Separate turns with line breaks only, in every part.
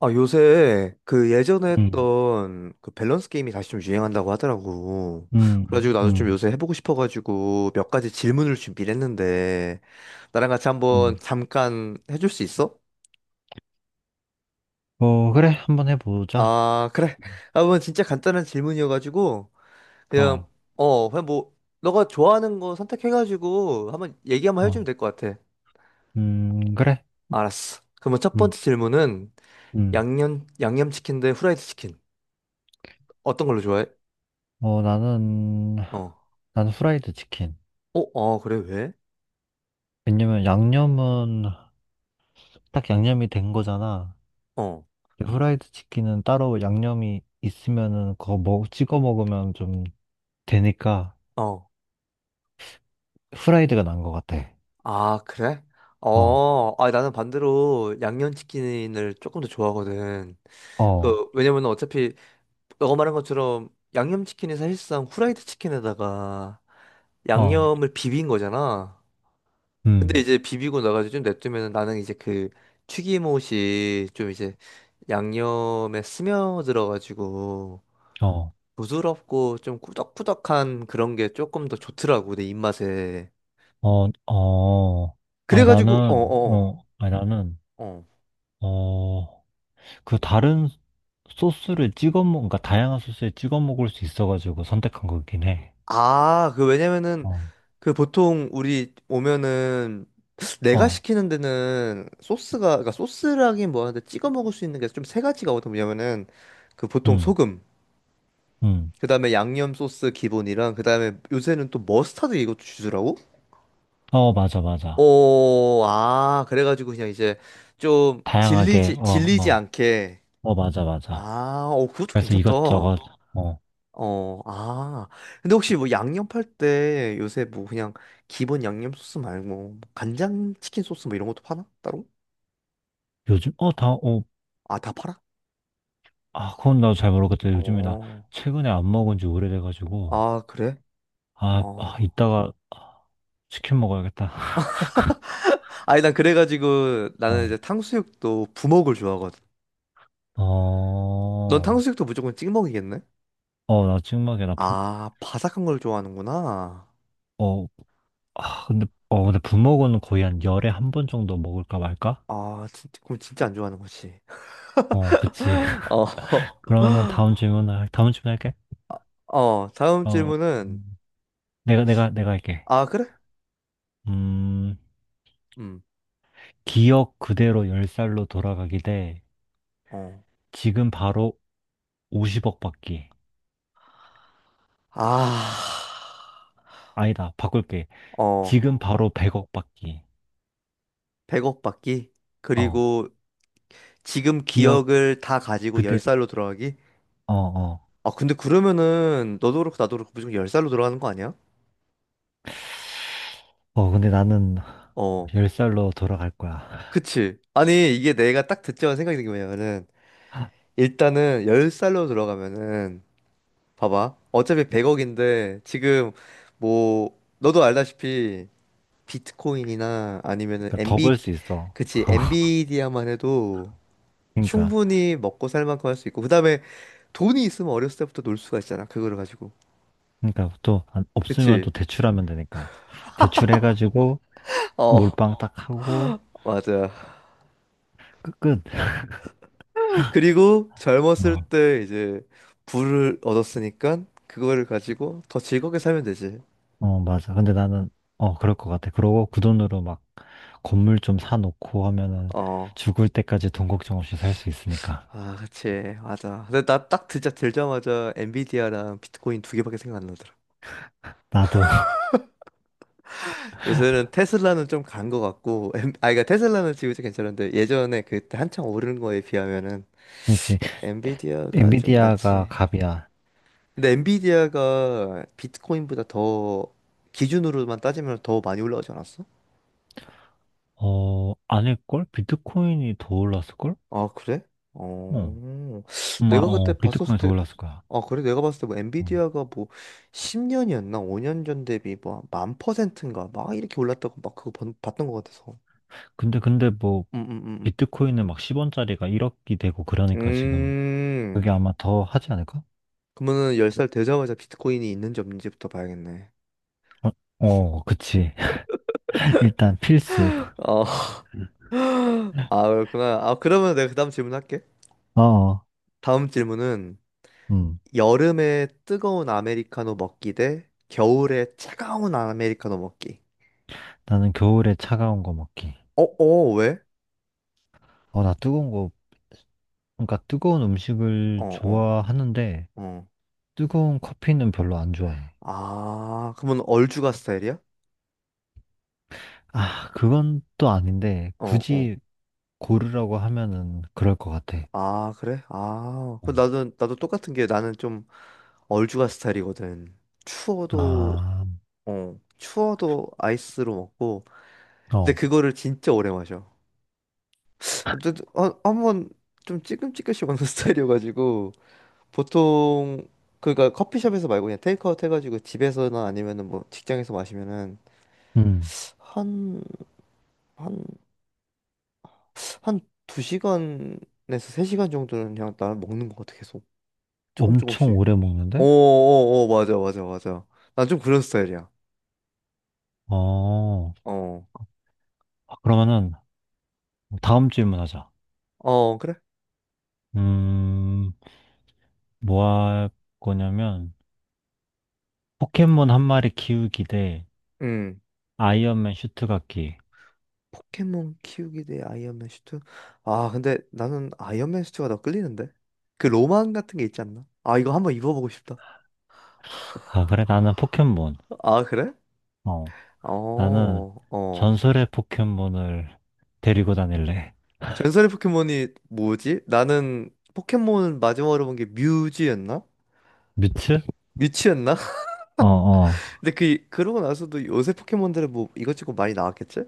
아, 요새 그 예전에
음,
했던 그 밸런스 게임이 다시 좀 유행한다고 하더라고.
음,
그래가지고 나도 좀
음,
요새 해보고 싶어가지고 몇 가지 질문을 준비를 했는데 나랑 같이 한번
음.
잠깐 해줄 수 있어?
어, 그래. 한번 해보자.
아, 그래. 아, 그건 진짜 간단한 질문이어가지고 그냥
어,
그냥 뭐 너가 좋아하는 거 선택해가지고 한번 얘기 한번 해주면
어,
될 것 같아.
그래.
알았어. 그럼 첫
음,
번째 질문은
음.
양념치킨 대 후라이드 치킨, 어떤 걸로 좋아해?
어, 나는,
어.
나는 후라이드 치킨.
어, 어, 그래, 왜?
왜냐면 양념은 딱 양념이 된 거잖아.
어.
근데 후라이드 치킨은 따로 양념이 있으면은 찍어 먹으면 좀 되니까
어.
후라이드가 난 것 같아.
아, 그래?
어,
어, 아, 나는 반대로 양념치킨을 조금 더 좋아하거든.
어,
그, 왜냐면 어차피, 너가 말한 것처럼 양념치킨이 사실상 후라이드 치킨에다가
어,
양념을 비빈 거잖아. 근데
음,
이제 비비고 나가지고 좀 냅두면 나는 이제 그 튀김옷이 좀 이제 양념에 스며들어가지고
어,
부드럽고 좀 꾸덕꾸덕한 그런 게 조금 더 좋더라고, 내 입맛에.
어, 어. 아니,
그래가지고, 어어어.
어, 아니, 나는, 어, 그 다른 소스를 그러니까 다양한 소스에 찍어 먹을 수 있어가지고 선택한 거긴 해.
아, 그 왜냐면은
어,
그 보통 우리 오면은 내가
어,
시키는 데는 소스가, 그러니까 소스라긴 뭐하는데 찍어 먹을 수 있는 게 좀 세 가지가 거든. 뭐냐면은 그 보통
음,
소금,
음,
그다음에 양념 소스 기본이랑, 그다음에 요새는 또 머스타드 이것도 주더라고.
어, 맞아, 맞아.
오, 아, 그래가지고 그냥 이제 좀
다양하게,
질리지
어,
질리지
어,
않게.
어, 맞아, 맞아.
아, 오, 그것도
그래서
괜찮다.
이것저것, 어,
어, 아. 근데 혹시 뭐 양념할 때 요새 뭐 그냥 기본 양념 소스 말고 뭐 간장 치킨 소스 뭐 이런 것도 파나? 따로?
요즘, 어, 다, 어,
아, 다 팔아?
아, 그건 나도 잘 모르겠다. 요즘에 나
어.
최근에 안 먹은 지 오래돼가지고,
아, 그래? 어.
이따가 치킨 먹어야겠다.
아니, 난 그래가지고 나는
어,
이제 탕수육도 부먹을 좋아하거든. 넌
어,
탕수육도 무조건 찍먹이겠네?
어, 나 찍먹에
아, 바삭한 걸 좋아하는구나.
어, 아, 근데 부먹은 거의 한 10에 한 번 정도 먹을까 말까?
아, 진짜, 그럼 진짜 안 좋아하는 거지.
어, 그치.
어,
그러면 다음 질문 할게.
어, 다음
어,
질문은,
음, 내가 할게.
아, 그래?
음,
음,
기억 그대로 10살로 돌아가기 대
어.
지금 바로 50억 받기.
아,
아니다, 바꿀게.
어.
지금 바로 100억 받기.
100억 받기,
어,
그리고 지금
기억
기억을 다 가지고
그대,
10살로 돌아가기.
어, 어.
아 근데 그러면은 너도 그렇고 나도 그렇고 무조건 10살로 돌아가는 거 아니야?
어, 근데 나는
어,
10살로 돌아갈 거야.
그치. 아니, 이게 내가 딱 듣자마자 생각이 든 게 뭐냐면은, 일단은 10살로 돌아가면은, 봐봐, 어차피 100억인데 지금 뭐 너도 알다시피 비트코인이나 아니면은
그러니까 더
엔비,
벌 수 있어.
그치, 엔비디아만 해도
그러니까.
충분히 먹고 살 만큼 할 수 있고. 그다음에 돈이 있으면 어렸을 때부터 놀 수가 있잖아, 그거를 가지고.
그러니까 또 안- 없으면
그치?
또 대출하면 되니까 대출해가지고
어,
몰빵 딱 하고
맞아.
끝끝
그리고 젊었을
어,
때 이제 부를 얻었으니까 그거를 가지고 더 즐겁게 살면 되지.
어 맞아 근데 나는 어 그럴 것 같아 그러고 그 돈으로 막 건물 좀 사놓고 하면은
어.
죽을 때까지 돈 걱정 없이 살 수 있으니까
아, 그치. 맞아. 근데 나 딱 들자마자 엔비디아랑 비트코인 두 개밖에 생각 안 나더라.
나도.
요새는 테슬라는 좀 간 거 같고, 아, 그러니까 테슬라는 지금 이제 괜찮은데 예전에 그때 한창 오른 거에 비하면은
그렇지.
엔비디아가 좀
엔비디아가
낫지.
갑이야.
근데 엔비디아가 비트코인보다 더, 기준으로만 따지면 더 많이 올라가지 않았어?
어 아닐걸. 비트코인이 더 올랐을걸.
아, 그래?
어,
어. 내가 그때 봤었을
비트코인이 더
때,
올랐을 거야.
아, 그래? 내가 봤을 때 뭐
어.
엔비디아가 뭐 10년이었나? 5년 전 대비 뭐 만 퍼센트인가? 막 이렇게 올랐다고 막 봤던 것 같아서.
근데 뭐
음, 음, 음.
비트코인은 막 10원짜리가 1억이 되고 그러니까 지금
음.
그게
음.
아마 더 하지 않을까?
그러면은 10살 되자마자 비트코인이 있는지 없는지부터 봐야겠네.
어, 어, 그치. 일단 필수.
어. 아, 그렇구나. 아, 그러면 내가 그 다음 질문 할게.
어, 어,
다음 질문은
음.
여름에 뜨거운 아메리카노 먹기 대 겨울에 차가운 아메리카노 먹기.
나는 겨울에 차가운 거 먹기.
어, 어, 왜?
어, 그러니까 뜨거운
어,
음식을
어,
좋아하는데,
어.
뜨거운 커피는 별로 안 좋아해.
아, 그러면 얼죽아 스타일이야?
아, 그건 또 아닌데,
어, 어.
굳이 고르라고 하면은 그럴 것 같아.
아, 그래? 아, 그
음.
나도 똑같은 게, 나는 좀 얼죽아 스타일이거든. 추워도,
아,
어, 추워도 아이스로 먹고. 근데
어,
그거를 진짜 오래 마셔. 근데 한번 좀 찌끔찌끔씩 먹는 스타일이어가지고 보통, 그러니까 커피숍에서 말고 그냥 테이크아웃 해가지고 집에서나 아니면은 뭐 직장에서 마시면은
음.
한 한 한 두 시간에서 3시간 정도는 그냥 나는 먹는 것 같아, 계속 조금
엄청
조금씩.
오래 먹는데?
어어어, 맞아 맞아 맞아. 난 좀 그런 스타일이야.
어,
어
아, 그러면은 다음 질문 하자.
어 그래.
음, 뭐 할 거냐면 포켓몬 한 마리 키우기 대
음
아이언맨 슈트 갖기.
포켓몬 키우기 대 아이언맨 슈트. 아 근데 나는 아이언맨 슈트가 더 끌리는데, 그 로망 같은 게 있지 않나. 아, 이거 한번 입어보고 싶다.
아, 그래 나는 포켓몬.
아 그래.
어, 나는
어어.
전설의 포켓몬을 데리고 다닐래.
전설의 포켓몬이 뭐지? 나는 포켓몬 마지막으로 본 게 뮤지였나?
뮤츠?
뮤치였나?
어, 어,
근데 그 그러고 나서도 요새 포켓몬들은 뭐 이것저것 많이 나왔겠지?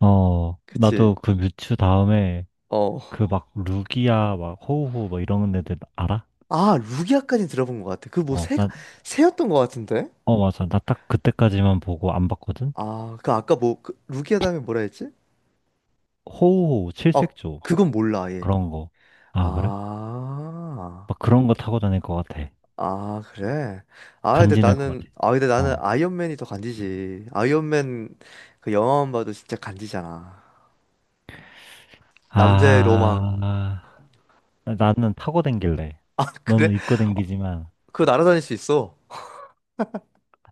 어.
그치?
나도 그 뮤츠 다음에
어.
그 막 루기아 막 호우호 막 이런 애들 알아?
아, 루기아까지 들어본 것 같아. 그 뭐
어,
새가,
나,
새였던 것 같은데?
어, 맞아. 나 딱 그때까지만 보고 안 봤거든?
아, 그 아까 뭐 그, 루기아 다음에 뭐라 했지?
호우호
아,
칠색조
그건 몰라 아예.
그런 거. 아, 그래?
아.
막 그런 거 타고 다닐 것 같아.
아, 그래. 아, 근데
간지날 것
나는
같아.
아, 근데 나는
어.
아이언맨이 더 간지지. 아이언맨, 그 영화만 봐도 진짜 간지잖아. 남자의 로망.
아, 나는 타고 댕길래.
아, 그래?
너는 입고 댕기지만,
그거 날아다닐 수 있어.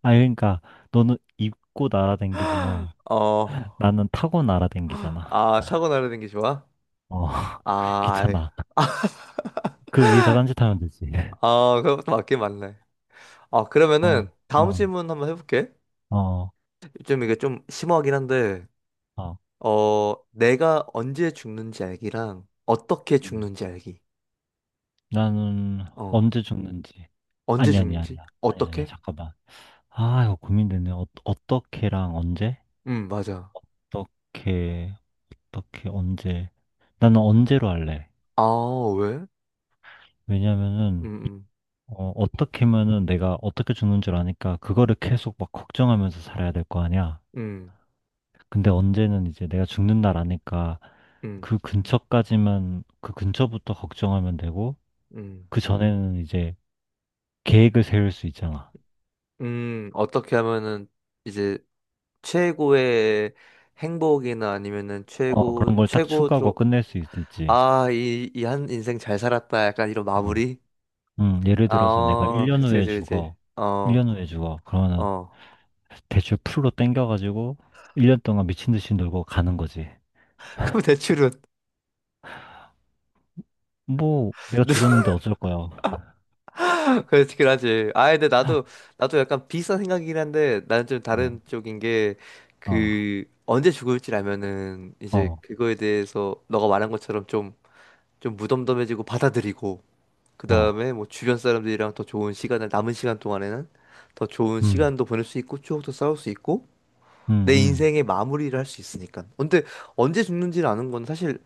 아, 그러니까, 너는 입고 날아 댕기지만,
어,
나는 타고 날아 댕기잖아.
아, 차고 날아다니는 게 좋아?
어,
아, 아이.
귀찮아. 그 위에서 딴짓하면 되지.
아, 그것도 맞긴 맞네. 아,
어,
그러면은 다음
어,
질문 한번 해볼게.
어,
좀 이게 좀 심오하긴 한데,
어.
어, 내가 언제 죽는지 알기랑 어떻게
음.
죽는지 알기.
나는
어,
언제 죽는지.
언제
아니, 아니,
죽는지?
아니야. 아니, 아니야.
어떻게?
잠깐만. 아, 이거 고민되네. 어, 어떻게랑 언제?
맞아.
어떻게, 어떻게, 언제. 나는 언제로 할래.
아, 왜? 음,
왜냐면은,
음,
어, 어떻게 하면은 내가 어떻게 죽는 줄 아니까 그거를 계속 막 걱정하면서 살아야 될 거 아니야.
음,
근데 언제는 이제 내가 죽는 날 아니까
음,
그 근처까지만 그 근처부터 걱정하면 되고
음,
그 전에는 이제 계획을 세울 수 있잖아.
어떻게 하면은 이제 최고의 행복이나 아니면은
어,
최고,
그런 걸 딱 추가하고
최고로.
끝낼 수 있을지.
아, 이, 이 한 인생 잘 살았다, 약간 이런
어.
마무리?
예를 들어서 내가
어,
1년
그치,
후에
그치, 그치.
죽어.
어,
1년 후에 죽어. 그러면은
어.
대출 풀로 땡겨가지고 1년 동안 미친 듯이 놀고 가는 거지.
그럼 대출은,
뭐 내가
누가,
죽었는데 어쩔 거야.
그렇긴 하지. 아, 근데 나도 나도 약간 비슷한 생각이긴 한데 나는 좀
어.
다른 쪽인 게,
어.
그 언제 죽을지 알면은 이제
어,
그거에 대해서 너가 말한 것처럼 좀 좀 무덤덤해지고 받아들이고, 그
어,
다음에 뭐 주변 사람들이랑 더 좋은 시간을, 남은 시간 동안에는 더 좋은
음,
시간도 보낼 수 있고 추억도 쌓을 수 있고
음,
내
음.
인생의 마무리를 할 수 있으니까. 근데 언제 죽는지를 아는 건, 사실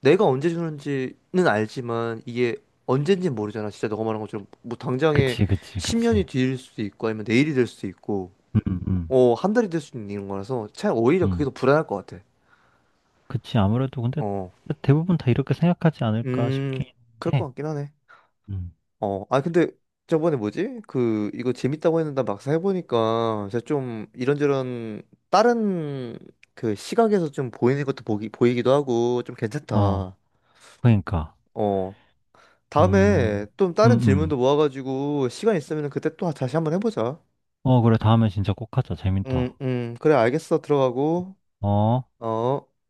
내가 언제 죽는지는 알지만 이게 언젠지 모르잖아. 진짜 너가 말한 것처럼 뭐 당장에
그치, 그치,
10년이
그치.
뒤일 수도 있고 아니면 내일이 될 수도 있고,
음, 음,
어, 한 달이 될 수도 있는 거라서 차라리 오히려 그게
음.
더 불안할 것 같아.
그치, 아무래도 근데
어.
대부분 다 이렇게 생각하지 않을까
음,
싶긴
그럴 것
해.
같긴 하네.
음,
어, 아 근데 저번에 뭐지? 그 이거 재밌다고 했는데 막상 해보니까 제가 좀 이런저런 다른 그 시각에서 좀 보이는 것도 보기 보이기도 하고 좀
어,
괜찮다.
그러니까.
어,
음,
다음에 좀
음,
다른
음.
질문도 모아가지고 시간 있으면 그때 또 다시 한번 해보자.
어, 그래, 다음에 진짜 꼭 하자. 재밌다.
그래 알겠어. 들어가고.
어.
어.